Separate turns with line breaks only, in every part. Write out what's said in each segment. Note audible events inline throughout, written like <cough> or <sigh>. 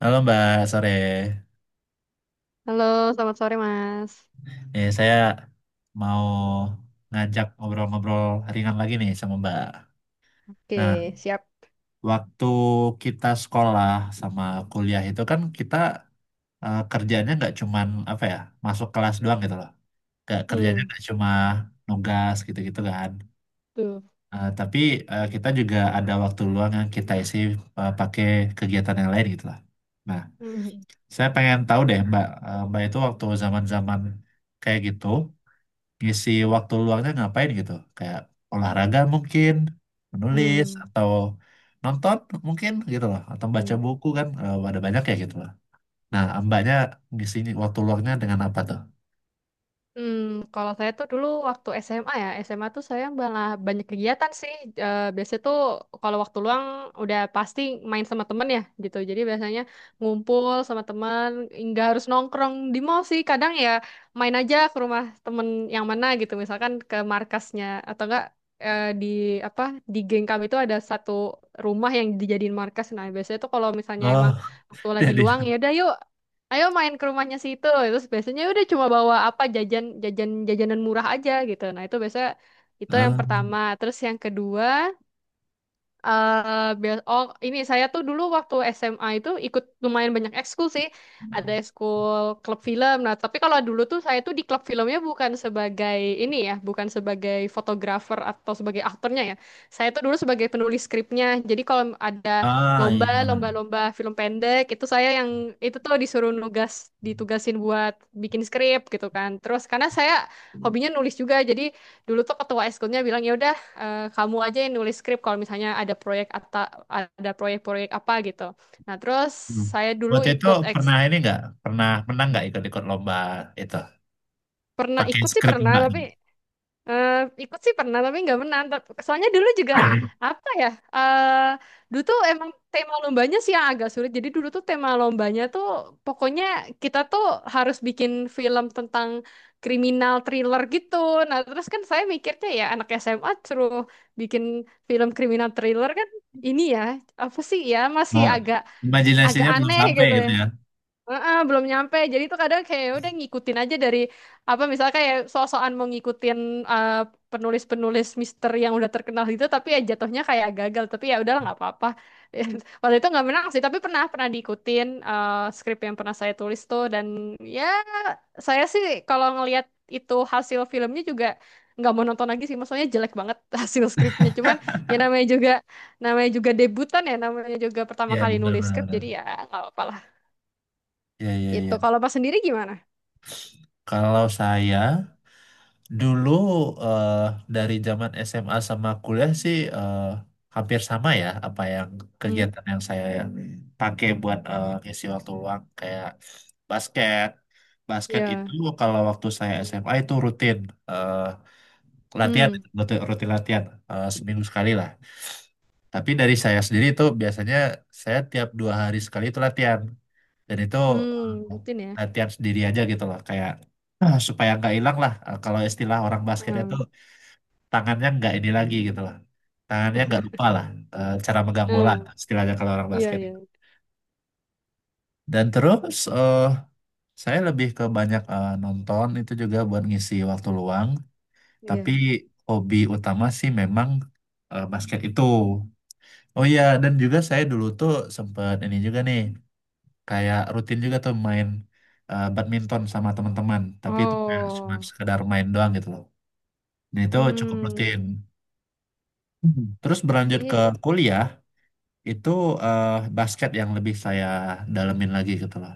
Halo Mbak, sore.
Halo, selamat sore Mas.
Nih, saya mau ngajak ngobrol-ngobrol ringan lagi nih sama Mbak. Nah,
Oke, siap.
waktu kita sekolah sama kuliah itu kan kita kerjanya nggak cuman apa ya, masuk kelas doang gitu loh. Nggak, kerjanya
Hmm.
nggak cuma nugas gitu-gitu kan.
Tuh.
Tapi kita juga ada waktu luang yang kita isi pakai kegiatan yang lain gitu lah. Nah,
Mhm.
saya pengen tahu deh Mbak, Mbak itu waktu zaman-zaman kayak gitu, ngisi waktu luangnya ngapain gitu? Kayak olahraga mungkin, menulis
Hmm.
atau nonton mungkin gitu loh, atau baca
Hmm.
buku kan ada banyak ya gitu loh. Nah, mbaknya ngisi waktu luangnya dengan apa tuh?
Hmm, kalau saya tuh dulu waktu SMA ya, SMA tuh saya malah banyak kegiatan sih. Biasanya tuh kalau waktu luang udah pasti main sama temen ya gitu. Jadi biasanya ngumpul sama temen, nggak harus nongkrong di mall sih. Kadang ya main aja ke rumah temen yang mana gitu. Misalkan ke markasnya atau enggak, di apa, di geng kami itu ada satu rumah yang dijadiin markas. Nah biasanya tuh kalau misalnya emang
Oh,
waktu
<laughs>
lagi
jadi
luang ya udah, yuk ayo main ke rumahnya situ, terus biasanya udah cuma bawa apa, jajan jajan jajanan murah aja gitu. Nah itu biasanya itu yang
ah
pertama, terus yang kedua, Ini saya tuh dulu waktu SMA itu ikut lumayan banyak ekskul sih. Ada ekskul klub film. Nah, tapi kalau dulu tuh saya tuh di klub filmnya bukan sebagai ini ya, bukan sebagai fotografer atau sebagai aktornya ya. Saya tuh dulu sebagai penulis skripnya. Jadi kalau ada lomba,
iya.
lomba-lomba film pendek itu saya yang itu tuh disuruh nugas, ditugasin buat bikin skrip gitu kan. Terus karena saya hobinya nulis juga, jadi dulu tuh ketua ekskulnya bilang ya udah, kamu aja yang nulis skrip kalau misalnya ada proyek atau ada proyek-proyek apa gitu. Nah, terus
Hmm.
saya dulu
Waktu itu
ikut
pernah ini nggak, pernah menang nggak ikut-ikut lomba itu
pernah
pakai
ikut sih
skrip
pernah
mbak
tapi.
nih?
Eh, ikut sih pernah tapi nggak menang. Soalnya dulu juga
<laughs>
apa ya? eh Dulu tuh emang tema lombanya sih yang agak sulit. Jadi dulu tuh tema lombanya tuh pokoknya kita tuh harus bikin film tentang kriminal thriller gitu. Nah terus kan saya mikirnya ya anak SMA suruh bikin film kriminal thriller kan, ini ya apa sih ya, masih
Oh,
agak agak
imajinasinya belum
aneh
sampai
gitu ya.
gitu ya?
Heeh, belum nyampe. Jadi itu kadang kayak ya udah ngikutin aja dari apa, misalnya kayak so-soan mau ngikutin eh, penulis-penulis misteri yang udah terkenal gitu tapi ya jatuhnya kayak gagal. Tapi ya udahlah, nggak apa-apa. <laughs> Waktu itu nggak menang sih, tapi pernah pernah diikutin, skrip yang pernah saya tulis tuh, dan ya saya sih kalau ngelihat itu hasil filmnya juga nggak mau nonton lagi sih. Maksudnya jelek banget <laughs> hasil skripnya. Cuman ya namanya juga debutan ya, namanya juga pertama
Ya
kali nulis skrip
benar-benar.
jadi ya nggak apa-apa lah.
Ya, ya,
Itu
ya.
kalau pas sendiri gimana?
Kalau saya dulu, eh, dari zaman SMA sama kuliah sih hampir sama ya, apa yang
Hmm.
kegiatan yang saya pakai buat ngisi waktu luang, kayak basket. Basket itu
Ya.
kalau waktu saya SMA itu rutin eh, latihan,
Hmm.
rutin latihan seminggu sekali lah. Tapi dari saya sendiri itu biasanya saya tiap 2 hari sekali itu latihan, dan itu
Hmm.
eh,
Rutin ya.
latihan sendiri aja gitu loh, kayak supaya nggak hilang lah. Kalau istilah orang basket itu
Hmm.
tangannya nggak ini lagi gitu lah. Tangannya nggak lupa lah, cara megang bola
Hmm.
istilahnya kalau orang
Iya,
basket
iya,
itu. Dan terus, saya lebih ke banyak, nonton itu juga buat ngisi waktu luang. Tapi
iya.
hobi utama sih memang basket itu. Oh iya, dan juga saya dulu tuh sempat ini juga nih, kayak rutin juga tuh main badminton sama teman-teman. Tapi itu kayak cuma
Oh.
sekedar main doang gitu loh. Dan itu cukup
hmm,
rutin. Hmm. Terus berlanjut ke
jadi
kuliah, itu eh, basket yang lebih saya dalemin lagi gitu loh.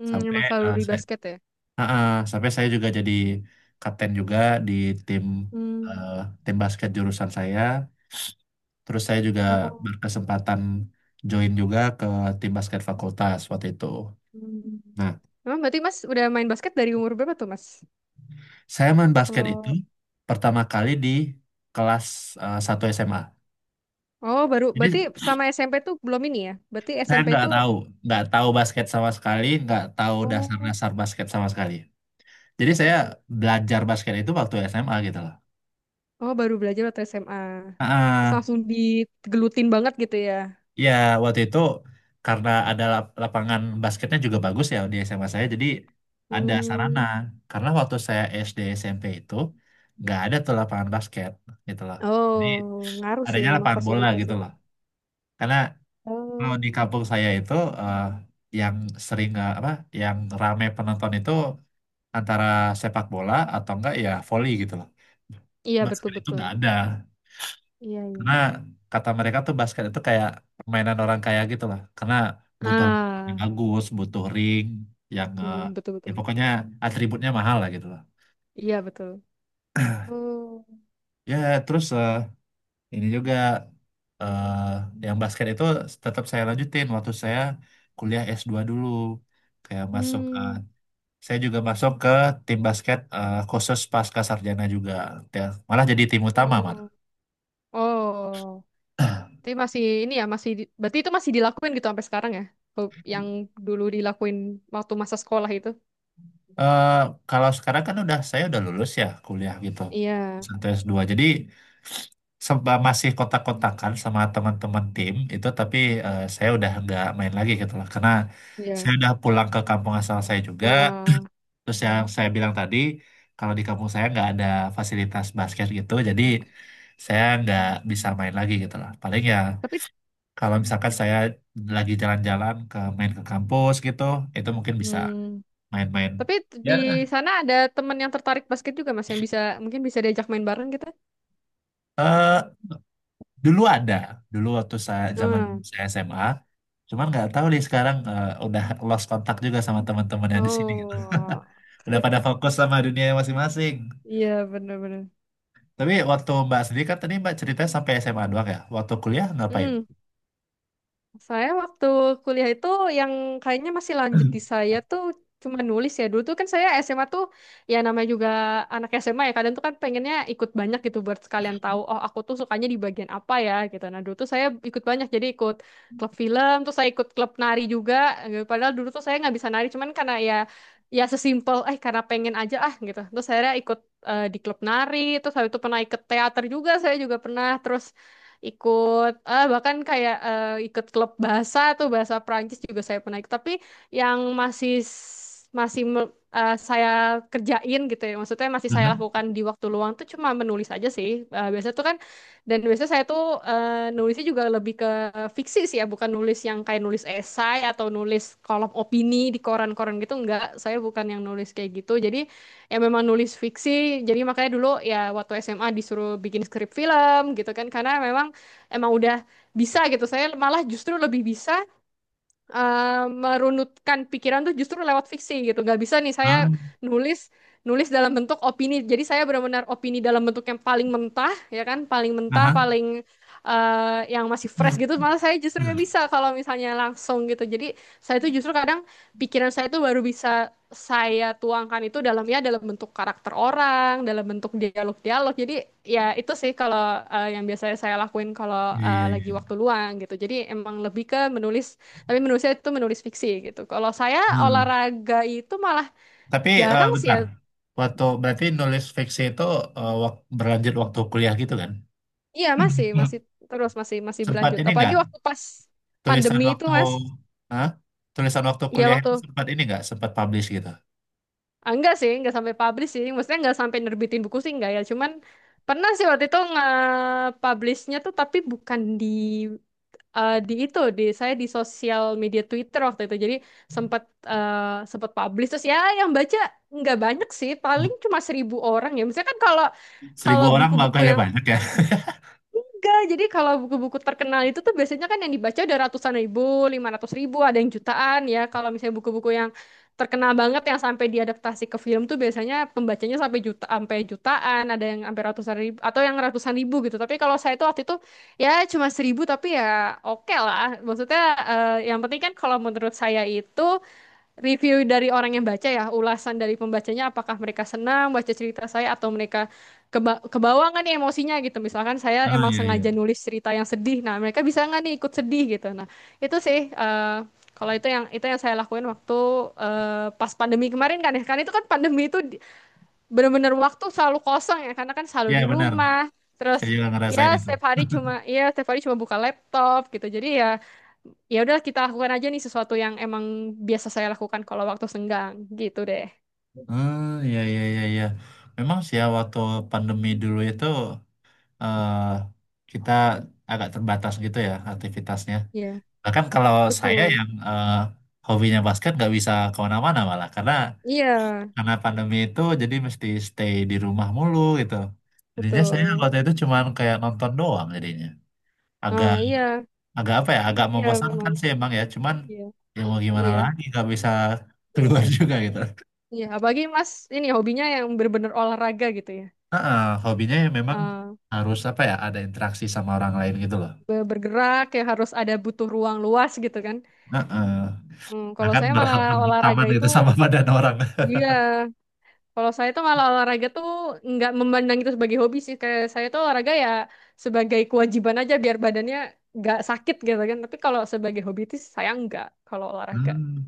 Sampai
emang
eh,
selalu di
saya,
basket ya?
Ah, ah, sampai saya juga jadi kapten juga di tim
Hmm.
eh, tim basket jurusan saya. Terus saya juga
Oh.
berkesempatan join juga ke tim basket fakultas waktu itu. Nah,
Hmm. Emang berarti Mas udah main basket dari umur berapa tuh Mas?
saya main basket itu
Kalau,
pertama kali di kelas 1 SMA.
oh baru, berarti
Jadi
sama SMP tuh belum ini ya? Berarti
saya
SMP itu,
nggak tahu basket sama sekali, nggak tahu
oh,
dasar-dasar basket sama sekali. Jadi saya belajar basket itu waktu SMA gitu loh.
oh baru belajar atau SMA? Terus
Ah,
langsung digelutin banget gitu ya?
ya waktu itu karena ada lapangan basketnya juga bagus ya di SMA saya, jadi ada sarana.
Hmm.
Karena waktu saya SD SMP itu nggak ada tuh lapangan basket gitu loh. Jadi
Oh, ngaruh sih
adanya
emang
lapangan bola
fasilitas
gitu
itu.
loh. Karena kalau di
Oh,
kampung saya itu eh, yang sering, apa, yang rame penonton itu antara sepak bola atau enggak ya volley gitu loh.
iya
Basket itu
betul-betul.
nggak ada.
Iya,
Karena
iya.
kata mereka tuh basket itu kayak permainan orang kaya gitu lah, karena butuh lapangan yang
Ah,
bagus, butuh ring yang eh,
mm,
ya
betul-betul.
pokoknya atributnya mahal lah gitu lah.
Iya, betul. Oh.
Ya terus, ini juga, yang basket itu tetap saya lanjutin waktu saya kuliah S2 dulu, kayak
Hmm.
saya juga masuk ke tim basket khusus pasca sarjana juga. Ya, malah jadi tim utama malah.
Oh. Oh. Tapi masih ini ya, masih berarti itu masih dilakuin gitu sampai sekarang ya? Yang
<clears throat>
dulu dilakuin waktu masa sekolah itu.
Eh, kalau sekarang kan udah, saya udah lulus ya kuliah gitu
Iya,
sampai S2, jadi masih kotak-kotakan sama teman-teman tim itu, tapi saya udah nggak main lagi gitu lah, karena
iya.
saya udah pulang ke kampung asal saya juga.
Ah.
Terus yang saya bilang tadi, kalau di kampung saya nggak ada fasilitas basket gitu, jadi
Hmm.
saya nggak bisa main lagi gitu lah, paling ya
Tapi
kalau misalkan saya lagi jalan-jalan ke main ke kampus gitu, itu mungkin bisa
hmm,
main-main
tapi di sana ada teman yang tertarik basket juga Mas yang bisa, mungkin bisa diajak main bareng gitu.
ya. Dulu ada, dulu waktu saya zaman
Ah.
saya SMA, cuman nggak tahu deh sekarang, udah lost kontak juga sama teman-teman yang di sini gitu.
Oh.
Udah pada fokus sama dunia masing-masing.
Iya, bener-bener.
Tapi waktu Mbak sendiri kan tadi Mbak ceritanya sampai SMA doang ya. Waktu kuliah ngapain?
Hmm, saya waktu kuliah itu yang kayaknya masih lanjut di
<clears throat>
saya tuh cuma nulis ya. Dulu tuh kan saya SMA tuh ya namanya juga anak SMA ya. Kadang tuh kan pengennya ikut banyak gitu buat sekalian tahu, oh aku tuh sukanya di bagian apa ya gitu. Nah, dulu tuh saya ikut banyak, jadi ikut klub film, terus saya ikut klub nari juga. Padahal dulu tuh saya nggak bisa nari, cuman karena ya sesimpel, karena pengen aja ah gitu. Terus saya ikut, di klub nari, terus habis itu pernah ikut teater juga, saya juga pernah, terus ikut bahkan kayak, ikut klub bahasa tuh bahasa Perancis juga saya pernah ikut, tapi yang masih masih saya kerjain gitu ya, maksudnya masih saya
Aha.
lakukan di waktu luang tuh cuma menulis aja sih. Biasanya tuh kan, dan biasanya saya tuh, nulisnya juga lebih ke fiksi sih ya, bukan nulis yang kayak nulis esai atau nulis kolom opini di koran-koran gitu, enggak, saya bukan yang nulis kayak gitu, jadi ya memang nulis fiksi. Jadi makanya dulu ya waktu SMA disuruh bikin skrip film gitu kan karena memang emang udah bisa gitu. Saya malah justru lebih bisa merunutkan pikiran tuh justru lewat fiksi gitu. Nggak bisa nih saya
Ah,
nulis nulis dalam bentuk opini. Jadi saya benar-benar opini dalam bentuk yang paling mentah, ya kan, paling mentah,
aha.
paling yang masih fresh gitu. Malah saya justru
Hmm.
nggak bisa kalau misalnya langsung gitu. Jadi saya tuh justru kadang, pikiran saya tuh baru bisa saya tuangkan itu dalam, dalam bentuk karakter orang, dalam bentuk dialog-dialog. Jadi ya itu sih kalau yang biasanya saya lakuin kalau
Iya, iya,
lagi
iya.
waktu luang gitu. Jadi emang lebih ke menulis, tapi menulisnya itu menulis fiksi gitu. Kalau saya
Hmm.
olahraga itu malah
Tapi,
jarang sih ya.
bentar. Waktu berarti nulis fiksi itu, berlanjut waktu kuliah gitu kan?
Iya masih
<clears throat>
terus, masih masih
Sempat
berlanjut.
ini nggak,
Apalagi waktu pas
tulisan
pandemi itu
waktu.
mas.
Hah? Tulisan waktu
Iya,
kuliah itu sempat ini nggak, sempat publish gitu?
enggak sih, enggak sampai publish sih. Maksudnya enggak sampai nerbitin buku sih enggak ya. Cuman pernah sih waktu itu nge-publishnya tuh, tapi bukan di di itu di saya, di sosial media Twitter waktu itu. Jadi sempat eh, sempat publish, terus ya yang baca nggak banyak sih paling cuma 1.000 orang ya, misalnya kan, kalau
<laughs> seribu
kalau
orang
buku-buku
makanya
yang.
banyak ya.
Enggak, jadi kalau buku-buku terkenal itu tuh biasanya kan yang dibaca udah ratusan ribu, 500.000, ada yang jutaan ya. Kalau misalnya buku-buku yang terkenal banget yang sampai diadaptasi ke film tuh biasanya pembacanya sampai juta, sampai jutaan, ada yang sampai ratusan ribu atau yang ratusan ribu gitu. Tapi kalau saya itu waktu itu ya cuma 1.000, tapi ya oke lah. Maksudnya yang penting kan kalau menurut saya itu review dari orang yang baca ya, ulasan dari pembacanya apakah mereka senang baca cerita saya atau mereka kebawa nggak nih emosinya gitu. Misalkan saya
<laughs> Oh,
emang
iya, iya.
sengaja nulis cerita yang sedih, nah mereka bisa nggak nih ikut sedih gitu. Nah itu sih, kalau itu yang saya lakuin waktu pas pandemi kemarin kan ya. Kan itu kan pandemi itu bener-bener waktu selalu kosong ya karena kan selalu
Ya
di
benar,
rumah terus.
saya juga ngerasain itu.
Ya setiap hari cuma buka laptop gitu, jadi ya udah, kita lakukan aja nih sesuatu yang emang biasa saya lakukan kalau waktu senggang gitu deh.
<laughs> Hmm. Iya, iya, iya, iya, memang sih ya, waktu pandemi dulu itu, eh kita agak terbatas gitu ya aktivitasnya.
Iya,
Bahkan kalau saya
betul.
yang hobinya basket nggak bisa kemana-mana, malah karena
Iya,
karena pandemi itu jadi mesti stay di rumah mulu gitu. Jadinya saya
betul.
waktu itu cuman kayak nonton doang jadinya. Agak
Ah, iya,
agak apa ya? Agak
iya memang.
membosankan sih emang ya. Cuman
Iya,
ya mau gimana
iya,
lagi, nggak bisa
iya.
keluar <laughs> juga gitu.
Iya, apalagi Mas ini hobinya yang bener-bener olahraga gitu ya.
Heeh, hobinya ya memang
Ah,
harus apa ya? Ada interaksi sama orang lain gitu loh.
bergerak ya, harus ada, butuh ruang luas gitu kan.
Heeh.
Hmm,
Nah
kalau
kan
saya malah
berhantam-hantaman
olahraga itu.
gitu sama badan orang. <laughs>
Iya, kalau saya tuh malah olahraga tuh nggak memandang itu sebagai hobi sih. Kayak saya tuh olahraga ya sebagai kewajiban aja biar badannya nggak sakit gitu kan. Tapi kalau sebagai hobi itu saya nggak kalau olahraga.
Hmm.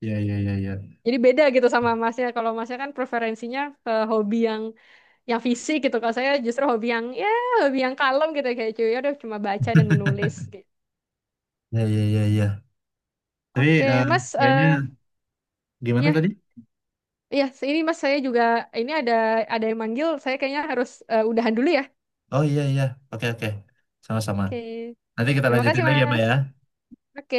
Ya, ya, ya, ya,
Jadi beda gitu sama masnya. Kalau masnya kan preferensinya ke hobi yang fisik gitu. Kalau saya justru hobi yang ya hobi yang kalem gitu, kayak cuy. Ya udah, cuma baca dan menulis gitu.
ya, ya, iya, iya. Tapi
Oke, Mas.
kayaknya gimana
Ya,
tadi?
ya. Ini Mas, saya juga ini ada yang manggil. Saya kayaknya harus, udahan dulu ya.
Oh, iya, iya. Oke, oke. Sama-sama.
Oke.
Nanti kita
Terima kasih,
lanjutin lagi ya Mbak
Mas.
ya.
Oke.